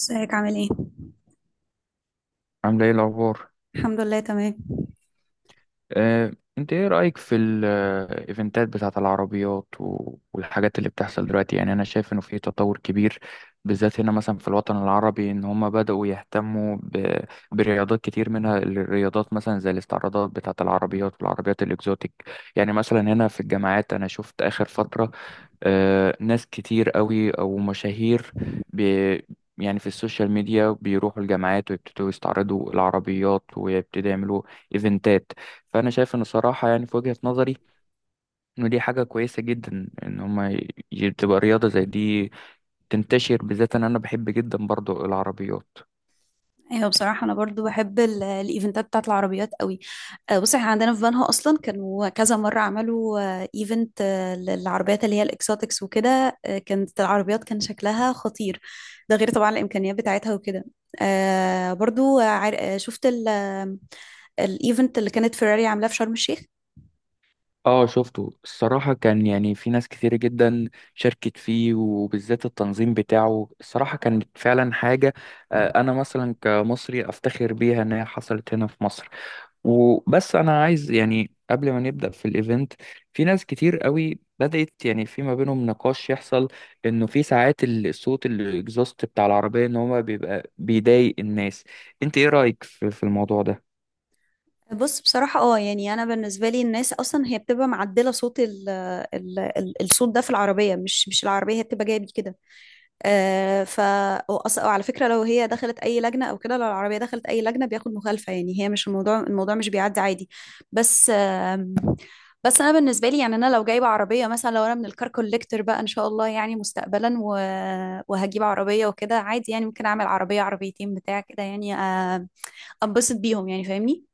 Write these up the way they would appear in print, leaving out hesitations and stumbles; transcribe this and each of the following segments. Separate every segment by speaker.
Speaker 1: ازيك عامل ايه؟
Speaker 2: عاملة ايه الأخبار؟
Speaker 1: الحمد لله تمام.
Speaker 2: آه، انت ايه رأيك في الايفنتات بتاعة العربيات والحاجات اللي بتحصل دلوقتي؟ يعني انا شايف انه في تطور كبير، بالذات هنا مثلا في الوطن العربي، ان هم بدأوا يهتموا برياضات كتير، منها الرياضات مثلا زي الاستعراضات بتاعة العربيات والعربيات الاكزوتيك. يعني مثلا هنا في الجامعات انا شفت اخر فترة، ناس كتير قوي او مشاهير، بي يعني في السوشيال ميديا بيروحوا الجامعات ويبتدوا يستعرضوا العربيات ويبتدوا يعملوا ايفنتات. فانا شايف ان صراحه يعني في وجهه نظري انه دي حاجه كويسه جدا ان هما تبقى رياضه زي دي تنتشر، بالذات ان انا بحب جدا برضو العربيات.
Speaker 1: ايوه، بصراحه انا برضو بحب الايفنتات بتاعت العربيات قوي. بص احنا عندنا في بنها اصلا كانوا كذا مره عملوا ايفنت للعربيات اللي هي الاكسوتكس وكده. كانت العربيات كان شكلها خطير. ده غير طبعا الامكانيات بتاعتها وكده. برضو شفت الايفنت اللي كانت فيراري عاملاه في شرم الشيخ.
Speaker 2: اه، شفته الصراحة، كان يعني في ناس كتير جدا شاركت فيه، وبالذات التنظيم بتاعه الصراحة كانت فعلا حاجة. أنا مثلا كمصري أفتخر بيها إن هي حصلت هنا في مصر. وبس أنا عايز يعني قبل ما نبدأ في الإيفنت، في ناس كتير قوي بدأت يعني في ما بينهم نقاش يحصل إنه في ساعات الصوت الإكزوست بتاع العربية إن هو بيبقى بيضايق الناس. أنت إيه رأيك في الموضوع ده؟
Speaker 1: بص، بصراحة اه يعني أنا بالنسبة لي الناس أصلا هي بتبقى معدلة صوت ال الصوت ده في العربية، مش العربية هي بتبقى جاية بيه كده. آه، ف وعلى فكره لو هي دخلت اي لجنه او كده، لو العربيه دخلت اي لجنه بياخد مخالفه. يعني هي مش الموضوع، الموضوع مش بيعدي عادي. بس آه، بس انا بالنسبه لي يعني انا لو جايبه عربيه مثلا، لو انا من الكار كوليكتور بقى ان شاء الله يعني مستقبلا وهجيب عربيه وكده عادي، يعني ممكن اعمل عربيه عربيتين بتاع كده يعني. انبسط بيهم يعني، فاهمني؟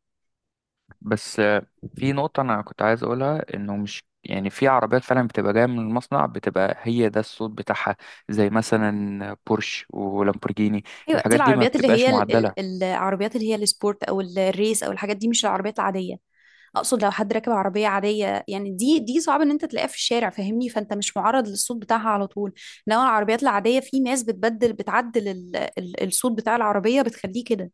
Speaker 2: بس آه، في نقطة أنا كنت عايز أقولها، إنه مش يعني في عربيات فعلا بتبقى جاية من المصنع، بتبقى هي ده الصوت بتاعها، زي مثلا بورش ولامبورجيني.
Speaker 1: ايوه دي
Speaker 2: الحاجات دي ما
Speaker 1: العربيات اللي
Speaker 2: بتبقاش
Speaker 1: هي ال
Speaker 2: معدلة.
Speaker 1: ال العربيات اللي هي السبورت او الريس او الحاجات دي، مش العربيات العاديه. اقصد لو حد راكب عربيه عاديه، يعني دي صعب ان انت تلاقيها في الشارع، فاهمني؟ فانت مش معرض للصوت بتاعها على طول. انما العربيات العاديه في ناس بتبدل، بتعدل ال الصوت بتاع العربيه بتخليه كده.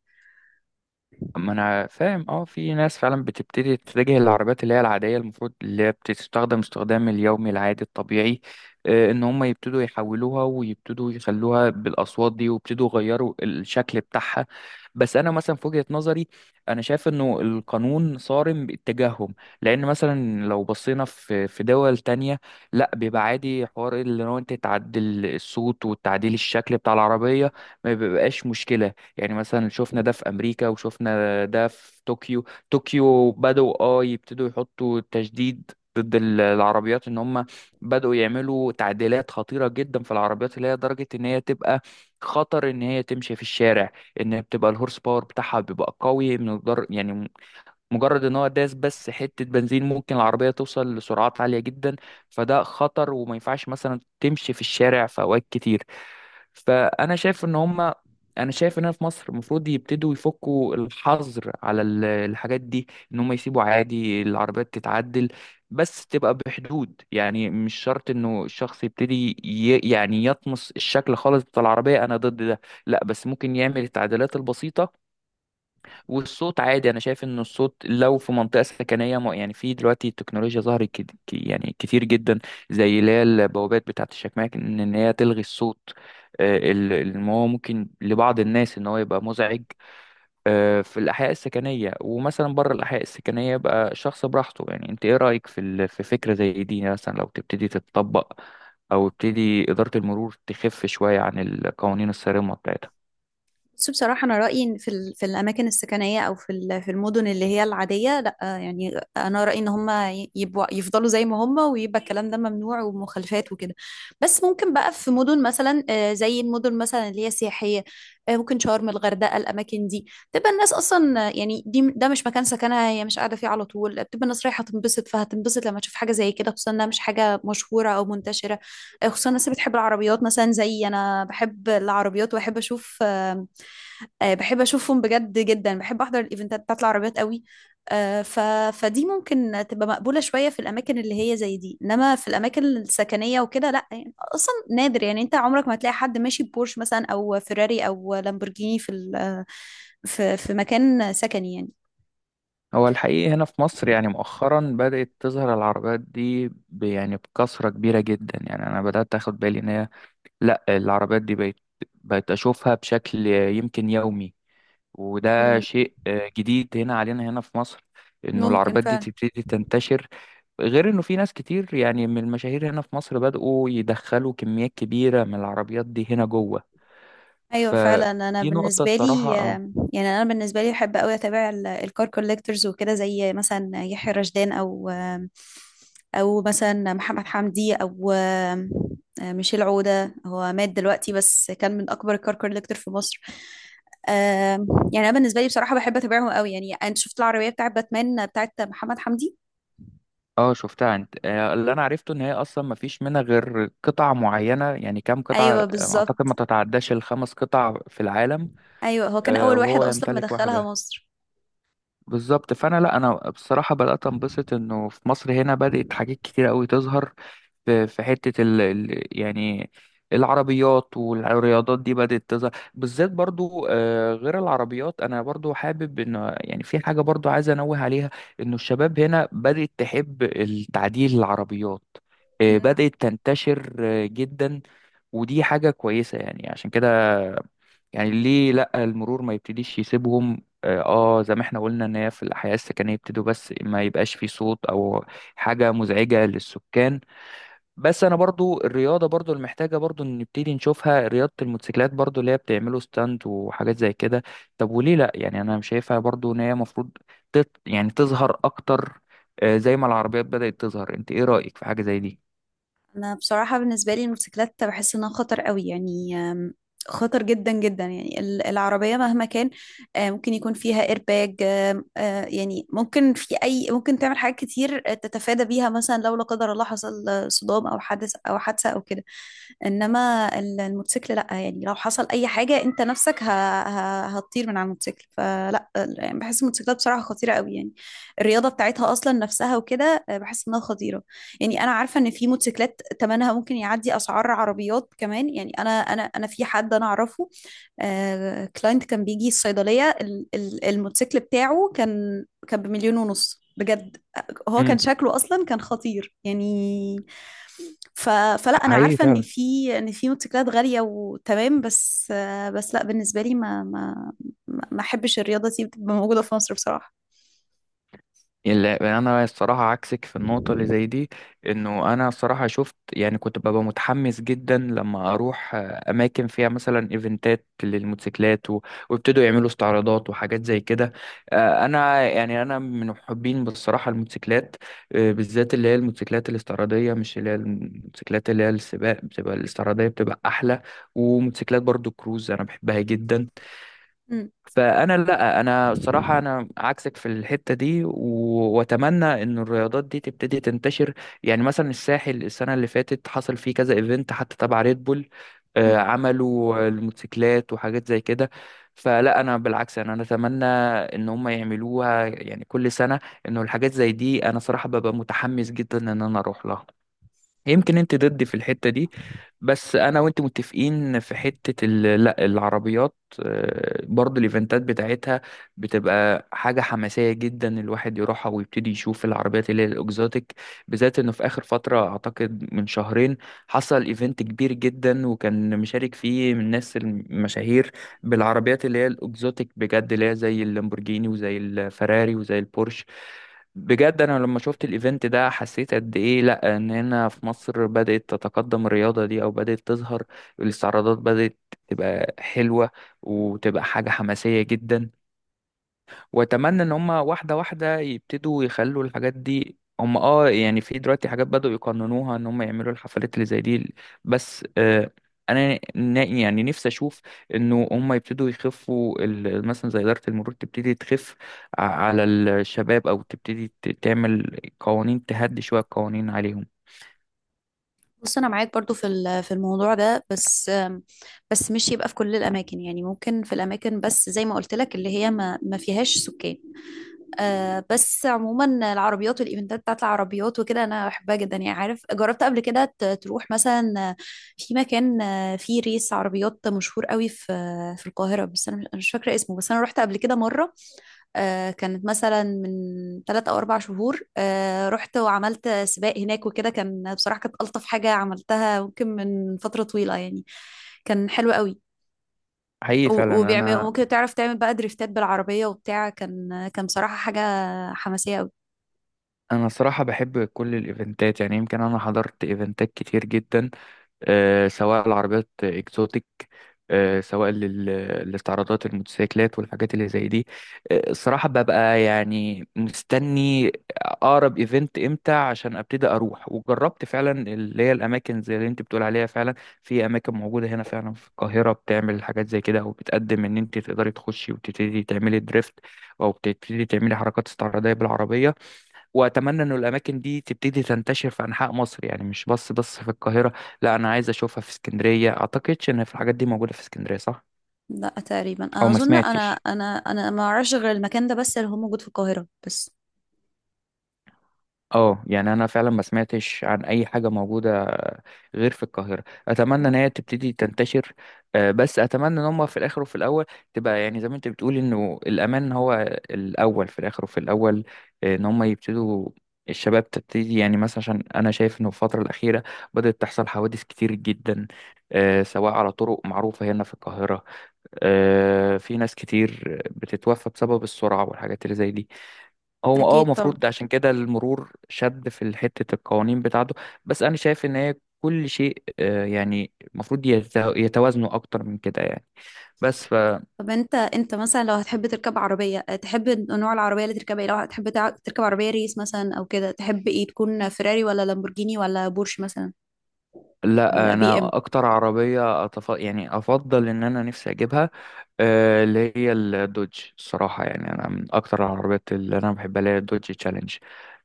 Speaker 2: ما انا فاهم، اه، في ناس فعلا بتبتدي تتجه للعربيات اللي هي العاديه، المفروض اللي هي بتستخدم استخدام اليومي العادي الطبيعي، ان هم يبتدوا يحولوها ويبتدوا يخلوها بالاصوات دي ويبتدوا يغيروا الشكل بتاعها. بس انا مثلا في وجهه نظري انا شايف انه القانون صارم باتجاههم. لان مثلا لو بصينا في دول تانية، لا بيبقى عادي حوار اللي هو انت تعدل الصوت وتعديل الشكل بتاع العربيه، ما بيبقاش مشكله. يعني مثلا شفنا ده في امريكا وشفنا ده في طوكيو. طوكيو بدأوا اه يبتدوا يحطوا تشديد ضد العربيات، ان هم بدأوا يعملوا تعديلات خطيرة جدا في العربيات، اللي هي درجة ان هي تبقى خطر ان هي تمشي في الشارع، ان هي بتبقى الهورس باور بتاعها بيبقى قوي من مجرد ان هو داس بس حتة بنزين ممكن العربية توصل لسرعات عالية جدا. فده خطر وما ينفعش مثلا تمشي في الشارع في اوقات كتير. فانا شايف ان هم، انا شايف ان هنا في مصر المفروض يبتدوا يفكوا الحظر على الحاجات دي، ان هم يسيبوا عادي العربيات تتعدل، بس تبقى بحدود. يعني مش شرط انه الشخص يبتدي يعني يطمس الشكل خالص بتاع العربية، انا ضد ده. لا بس ممكن يعمل التعديلات البسيطة والصوت عادي. انا شايف ان الصوت لو في منطقه سكنيه يعني في دلوقتي تكنولوجيا ظهرت يعني كتير جدا، زي اللي هي البوابات بتاعه الشكماء ان إن هي تلغي الصوت. ما هو ممكن لبعض الناس ان هو يبقى مزعج في الاحياء السكنيه، ومثلا بره الاحياء السكنيه يبقى شخص براحته. يعني انت ايه رايك في فكره زي دي، يعني مثلا لو تبتدي تتطبق، او تبتدي اداره المرور تخف شويه عن القوانين الصارمه بتاعتها؟
Speaker 1: بس بصراحة أنا رأيي إن في في الأماكن السكنية، أو في في المدن اللي هي العادية، لأ يعني أنا رأيي إن هما يبقوا يفضلوا زي ما هما، ويبقى الكلام ده ممنوع ومخالفات وكده. بس ممكن بقى في مدن مثلا، زي المدن مثلا اللي هي سياحية، ممكن شرم، الغردقة، الأماكن دي، تبقى الناس أصلا، يعني ده مش مكان سكنها، هي مش قاعدة فيه على طول، بتبقى الناس رايحة تنبسط، فهتنبسط لما تشوف حاجة زي كده، خصوصا إنها مش حاجة مشهورة أو منتشرة. خصوصا الناس اللي بتحب العربيات، مثلا زي أنا بحب العربيات وأحب أشوف بحب اشوفهم بجد، جدا بحب احضر الايفنتات بتاعت العربيات قوي. آه، ف... فدي ممكن تبقى مقبولة شوية في الأماكن اللي هي زي دي، إنما في الأماكن السكنية وكده لأ، يعني أصلا نادر، يعني أنت عمرك ما هتلاقي حد ماشي ببورش مثلا أو فيراري أو لامبورجيني في في في مكان سكني يعني.
Speaker 2: هو الحقيقي هنا في مصر يعني مؤخرا بدأت تظهر العربيات دي يعني بكثرة كبيرة جدا. يعني أنا بدأت أخد بالي إن هي، لأ العربيات دي بقت، بقت أشوفها بشكل يمكن يومي، وده
Speaker 1: مم،
Speaker 2: شيء جديد هنا علينا هنا في مصر، إنه
Speaker 1: ممكن
Speaker 2: العربيات دي
Speaker 1: فعلا.
Speaker 2: تبتدي تنتشر. غير إنه في ناس كتير يعني من المشاهير هنا في مصر بدأوا يدخلوا كميات كبيرة من العربيات دي هنا جوه.
Speaker 1: ايوه
Speaker 2: ف
Speaker 1: فعلا. انا
Speaker 2: دي نقطة
Speaker 1: بالنسبه لي
Speaker 2: الصراحة.
Speaker 1: يعني، انا بالنسبه لي بحب قوي اتابع الكار كوليكتورز وكده، زي مثلا يحيى رشدان، او او مثلا محمد حمدي، او ميشيل عوده. هو مات دلوقتي بس كان من اكبر الكار كوليكتور في مصر. آم، يعني انا بالنسبه لي بصراحه بحب اتابعهم قوي. يعني انت شفت العربيه بتاعت باتمان بتاعت محمد حمدي؟
Speaker 2: اه شفتها انت، اللي انا عرفته ان هي اصلا ما فيش منها غير قطع معينه، يعني كام قطعه،
Speaker 1: ايوه
Speaker 2: اعتقد
Speaker 1: بالظبط.
Speaker 2: ما تتعداش الخمس قطع في العالم.
Speaker 1: ايوه هو كان اول واحد
Speaker 2: وهو
Speaker 1: اصلا
Speaker 2: يمتلك
Speaker 1: مدخلها
Speaker 2: واحده
Speaker 1: مصر.
Speaker 2: بالظبط. فانا، لا، انا بصراحه بدات انبسط انه في مصر هنا بدات حاجات كتير قوي تظهر. في حته يعني العربيات والرياضات دي بدات تظهر، بالذات برضو، غير العربيات انا برضو حابب ان، يعني في حاجه برضو عايز انوه عليها، انه الشباب هنا بدات تحب التعديل العربيات. بدات تنتشر جدا، ودي حاجة كويسة. يعني عشان كده يعني ليه لأ المرور ما يبتديش يسيبهم اه، زي ما احنا قلنا، ان هي في الأحياء السكنية يبتدوا، بس ما يبقاش في صوت او حاجة مزعجة للسكان. بس انا برضو الرياضة برضو المحتاجة برضو إن نبتدي نشوفها، رياضة الموتوسيكلات برضو اللي هي بتعملوا ستاند وحاجات زي كده. طب وليه لأ؟ يعني انا شايفها برضو ان هي المفروض يعني تظهر اكتر، زي ما العربيات بدأت تظهر. انت ايه رأيك في حاجة زي دي؟
Speaker 1: انا بصراحه بالنسبه لي الموتوسيكلات بحس انها خطر قوي، يعني خطر جدا جدا. يعني العربيه مهما كان ممكن يكون فيها ايرباج، يعني ممكن في اي، ممكن تعمل حاجات كتير تتفادى بيها، مثلا لو لا قدر الله حصل صدام او حدث او حادثه او كده. انما الموتوسيكل لا، يعني لو حصل اي حاجه انت نفسك هتطير من على الموتوسيكل. فلا يعني بحس الموتوسيكلات بصراحه خطيره قوي يعني. الرياضه بتاعتها اصلا نفسها وكده بحس انها خطيره. يعني انا عارفه ان في موتوسيكلات ثمنها ممكن يعدي اسعار عربيات كمان. يعني انا في حد انا اعرفه، كلاينت، كان بيجي الصيدلية، الموتوسيكل بتاعه كان بمليون ونص بجد. هو كان
Speaker 2: امم
Speaker 1: شكله اصلا كان خطير يعني. ف... فلا انا
Speaker 2: حقيقي
Speaker 1: عارفه ان
Speaker 2: فعلا.
Speaker 1: في في موتوسيكلات غاليه وتمام بس. بس لا بالنسبه لي ما احبش الرياضه دي تبقى موجوده في مصر بصراحه.
Speaker 2: لا انا الصراحه عكسك في النقطه اللي زي دي. انه انا الصراحه شفت، يعني كنت ببقى متحمس جدا لما اروح اماكن فيها مثلا ايفنتات للموتوسيكلات ويبتدوا يعملوا استعراضات وحاجات زي كده. انا يعني انا من محبين بصراحه الموتوسيكلات، بالذات اللي هي الموتوسيكلات الاستعراضيه، مش اللي هي الموتوسيكلات اللي هي السباق، بتبقى الاستعراضيه بتبقى احلى. وموتوسيكلات برضو كروز انا بحبها جدا.
Speaker 1: مم.
Speaker 2: فانا، لا، انا الصراحه انا عكسك في الحته دي واتمنى ان الرياضات دي تبتدي تنتشر. يعني مثلا الساحل السنه اللي فاتت حصل فيه كذا ايفنت حتى تبع ريد بول،
Speaker 1: مم.
Speaker 2: عملوا الموتوسيكلات وحاجات زي كده. فلا انا بالعكس، أنا اتمنى ان هم يعملوها يعني كل سنه، انه الحاجات زي دي انا صراحه ببقى متحمس جدا ان انا اروح لها. يمكن انت ضدي في الحتة دي، بس انا وانت متفقين في حتة لا العربيات، برضو الايفنتات بتاعتها بتبقى حاجة حماسية جدا، الواحد يروحها ويبتدي يشوف العربيات اللي هي الاكزوتيك. بالذات انه في اخر فترة اعتقد من شهرين حصل ايفنت كبير جدا وكان مشارك فيه من الناس المشاهير، بالعربيات اللي هي الاكزوتيك بجد، اللي هي زي اللامبورجيني وزي الفراري وزي البورش. بجد انا لما شفت الايفنت ده حسيت قد ايه، لا ان هنا في مصر بدأت تتقدم الرياضة دي، او بدأت تظهر الاستعراضات، بدأت تبقى حلوة وتبقى حاجة حماسية جدا. واتمنى ان هم واحده واحده يبتدوا يخلوا الحاجات دي. هم اه يعني في دلوقتي حاجات بدأوا يقننوها، ان هم يعملوا الحفلات اللي زي دي. بس آه انا يعني نفسي اشوف انه هم يبتدوا يخفوا مثلا زي اداره المرور تبتدي تخف على الشباب، او تبتدي تعمل قوانين، تهدي شويه القوانين عليهم.
Speaker 1: بص انا معاك برضو في في الموضوع ده، بس بس مش يبقى في كل الاماكن، يعني ممكن في الاماكن بس زي ما قلت لك اللي هي ما فيهاش سكان. آه، بس عموما العربيات والايفنتات بتاعت العربيات وكده انا بحبها جدا. يعني عارف، جربت قبل كده تروح مثلا في مكان فيه ريس عربيات مشهور قوي في في القاهرة، بس انا مش أنا مش فاكرة اسمه. بس انا رحت قبل كده مرة، آه، كانت مثلا من ثلاث او اربع شهور، آه رحت وعملت سباق هناك وكده، كان بصراحة كانت الطف حاجة عملتها ممكن من فترة طويلة يعني. كان حلو قوي.
Speaker 2: حقيقي فعلا.
Speaker 1: وبيعمل
Speaker 2: انا
Speaker 1: ممكن تعرف تعمل بقى دريفتات بالعربية وبتاع، كان كان بصراحة حاجة حماسية قوي.
Speaker 2: انا صراحه بحب كل الايفنتات. يعني يمكن انا حضرت ايفنتات كتير جدا، سواء العربيات اكزوتيك، سواء الاستعراضات الموتوسيكلات والحاجات اللي زي دي. الصراحة ببقى يعني مستني أقرب إيفنت إمتى عشان أبتدي أروح. وجربت فعلا اللي هي الأماكن زي اللي أنت بتقول عليها فعلا، في أماكن موجودة هنا فعلا في القاهرة بتعمل حاجات زي كده، أو بتقدم إن أنت تقدري تخشي وتبتدي تعملي دريفت، أو بتبتدي تعملي حركات استعراضية بالعربية. واتمنى ان الاماكن دي تبتدي تنتشر في انحاء مصر، يعني مش بس في القاهره. لا انا عايز اشوفها في اسكندريه، اعتقدش ان في الحاجات دي موجوده في اسكندريه، صح؟
Speaker 1: لا تقريبا،
Speaker 2: او ما
Speaker 1: اظن انا.
Speaker 2: سمعتش.
Speaker 1: انا ما اعرفش غير المكان ده بس اللي هو موجود في القاهره بس.
Speaker 2: اه يعني انا فعلا ما سمعتش عن اي حاجه موجوده غير في القاهره. اتمنى
Speaker 1: مم.
Speaker 2: ان هي تبتدي تنتشر. بس اتمنى ان هم في الاخر وفي الاول تبقى، يعني زي ما انت بتقول انه الامان هو الاول، في الاخر وفي الاول. ان هم يبتدوا، الشباب تبتدي، يعني مثلا عشان انا شايف انه في الفتره الاخيره بدات تحصل حوادث كتير جدا، سواء على طرق معروفه هنا في القاهره. في ناس كتير بتتوفى بسبب السرعه والحاجات اللي زي دي. هو اه
Speaker 1: اكيد طبعا.
Speaker 2: المفروض عشان كده المرور شد في حتة القوانين بتاعته. بس انا شايف ان هي كل شيء، يعني المفروض يتوازنوا اكتر من كده يعني. بس فلا.
Speaker 1: طب انت مثلا لو هتحب تركب عربيه، تحب نوع العربيه اللي تركبها ايه؟ لو هتحب تركب عربيه ريس مثلا او كده، تحب ايه؟ تكون فيراري ولا لامبورجيني ولا بورش مثلا ولا بي ام؟
Speaker 2: انا اكتر عربية يعني افضل ان انا نفسي اجيبها اللي هي الدوج. الصراحة يعني أنا من أكتر العربيات اللي أنا بحبها اللي هي الدوج تشالنج.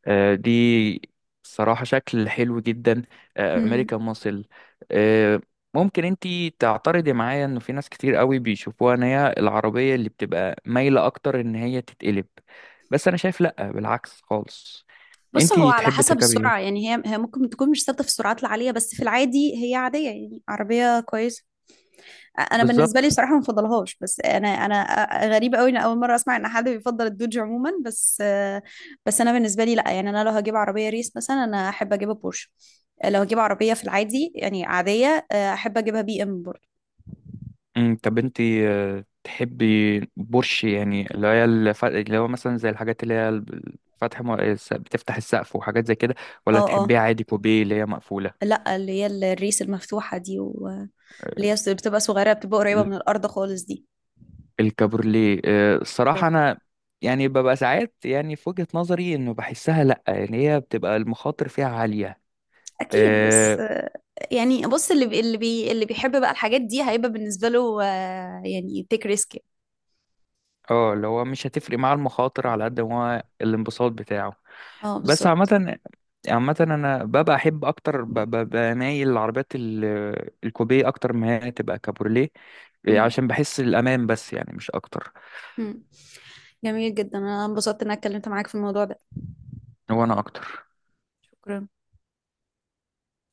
Speaker 2: دي صراحة شكل حلو جدا،
Speaker 1: مم.
Speaker 2: أمريكان ماسل. آه، ممكن انتي تعترضي معايا انه في ناس كتير قوي بيشوفوها ان هي العربية اللي بتبقى مايلة اكتر ان هي تتقلب. بس انا شايف لأ، بالعكس خالص.
Speaker 1: بص هو
Speaker 2: انتي
Speaker 1: على
Speaker 2: تحبي
Speaker 1: حسب
Speaker 2: تركبي
Speaker 1: السرعه،
Speaker 2: ايه؟
Speaker 1: يعني هي ممكن تكون مش ثابته في السرعات العاليه، بس في العادي هي عاديه، يعني عربيه كويسه. انا بالنسبه لي
Speaker 2: بالظبط.
Speaker 1: صراحه ما بفضلهاش. بس انا غريبه قوي ان اول مره اسمع ان حد بيفضل الدوج عموما. بس بس انا بالنسبه لي لا، يعني انا لو هجيب عربيه ريس مثلا انا احب اجيبها بورش. لو هجيب عربيه في العادي يعني عاديه احب اجيبها بي ام برضه.
Speaker 2: مم، طب انت تحبي بورش، يعني اللي هي اللي هو مثلا زي الحاجات اللي هي فتح بتفتح السقف وحاجات زي كده،
Speaker 1: اه
Speaker 2: ولا
Speaker 1: اه
Speaker 2: تحبيها عادي كوبيه اللي هي مقفولة؟
Speaker 1: لا اللي هي الريس المفتوحه دي، واللي
Speaker 2: آه،
Speaker 1: هي بتبقى صغيره، بتبقى قريبه
Speaker 2: ال-
Speaker 1: من الارض خالص دي.
Speaker 2: الكابورليه، الصراحة
Speaker 1: بالظبط.
Speaker 2: أنا يعني ببقى ساعات، يعني في وجهة نظري إنه بحسها لأ، يعني هي بتبقى المخاطر فيها عالية.
Speaker 1: اكيد، بس
Speaker 2: اه،
Speaker 1: يعني بص، اللي بيحب بقى الحاجات دي هيبقى بالنسبه له يعني تيك ريسك.
Speaker 2: اللي هو مش هتفرق مع المخاطر على قد ما هو الانبساط بتاعه.
Speaker 1: اه
Speaker 2: بس
Speaker 1: بالظبط.
Speaker 2: عامة، عامة أنا ببقى أحب أكتر، ببقى مايل للعربيات الكوبيه أكتر ما هي تبقى كابورليه،
Speaker 1: مم.
Speaker 2: عشان بحس الأمان، بس يعني مش أكتر.
Speaker 1: مم. جميل جدا، انا انبسطت ان انا اتكلمت معاك في الموضوع ده.
Speaker 2: هو أنا أكتر
Speaker 1: شكرا.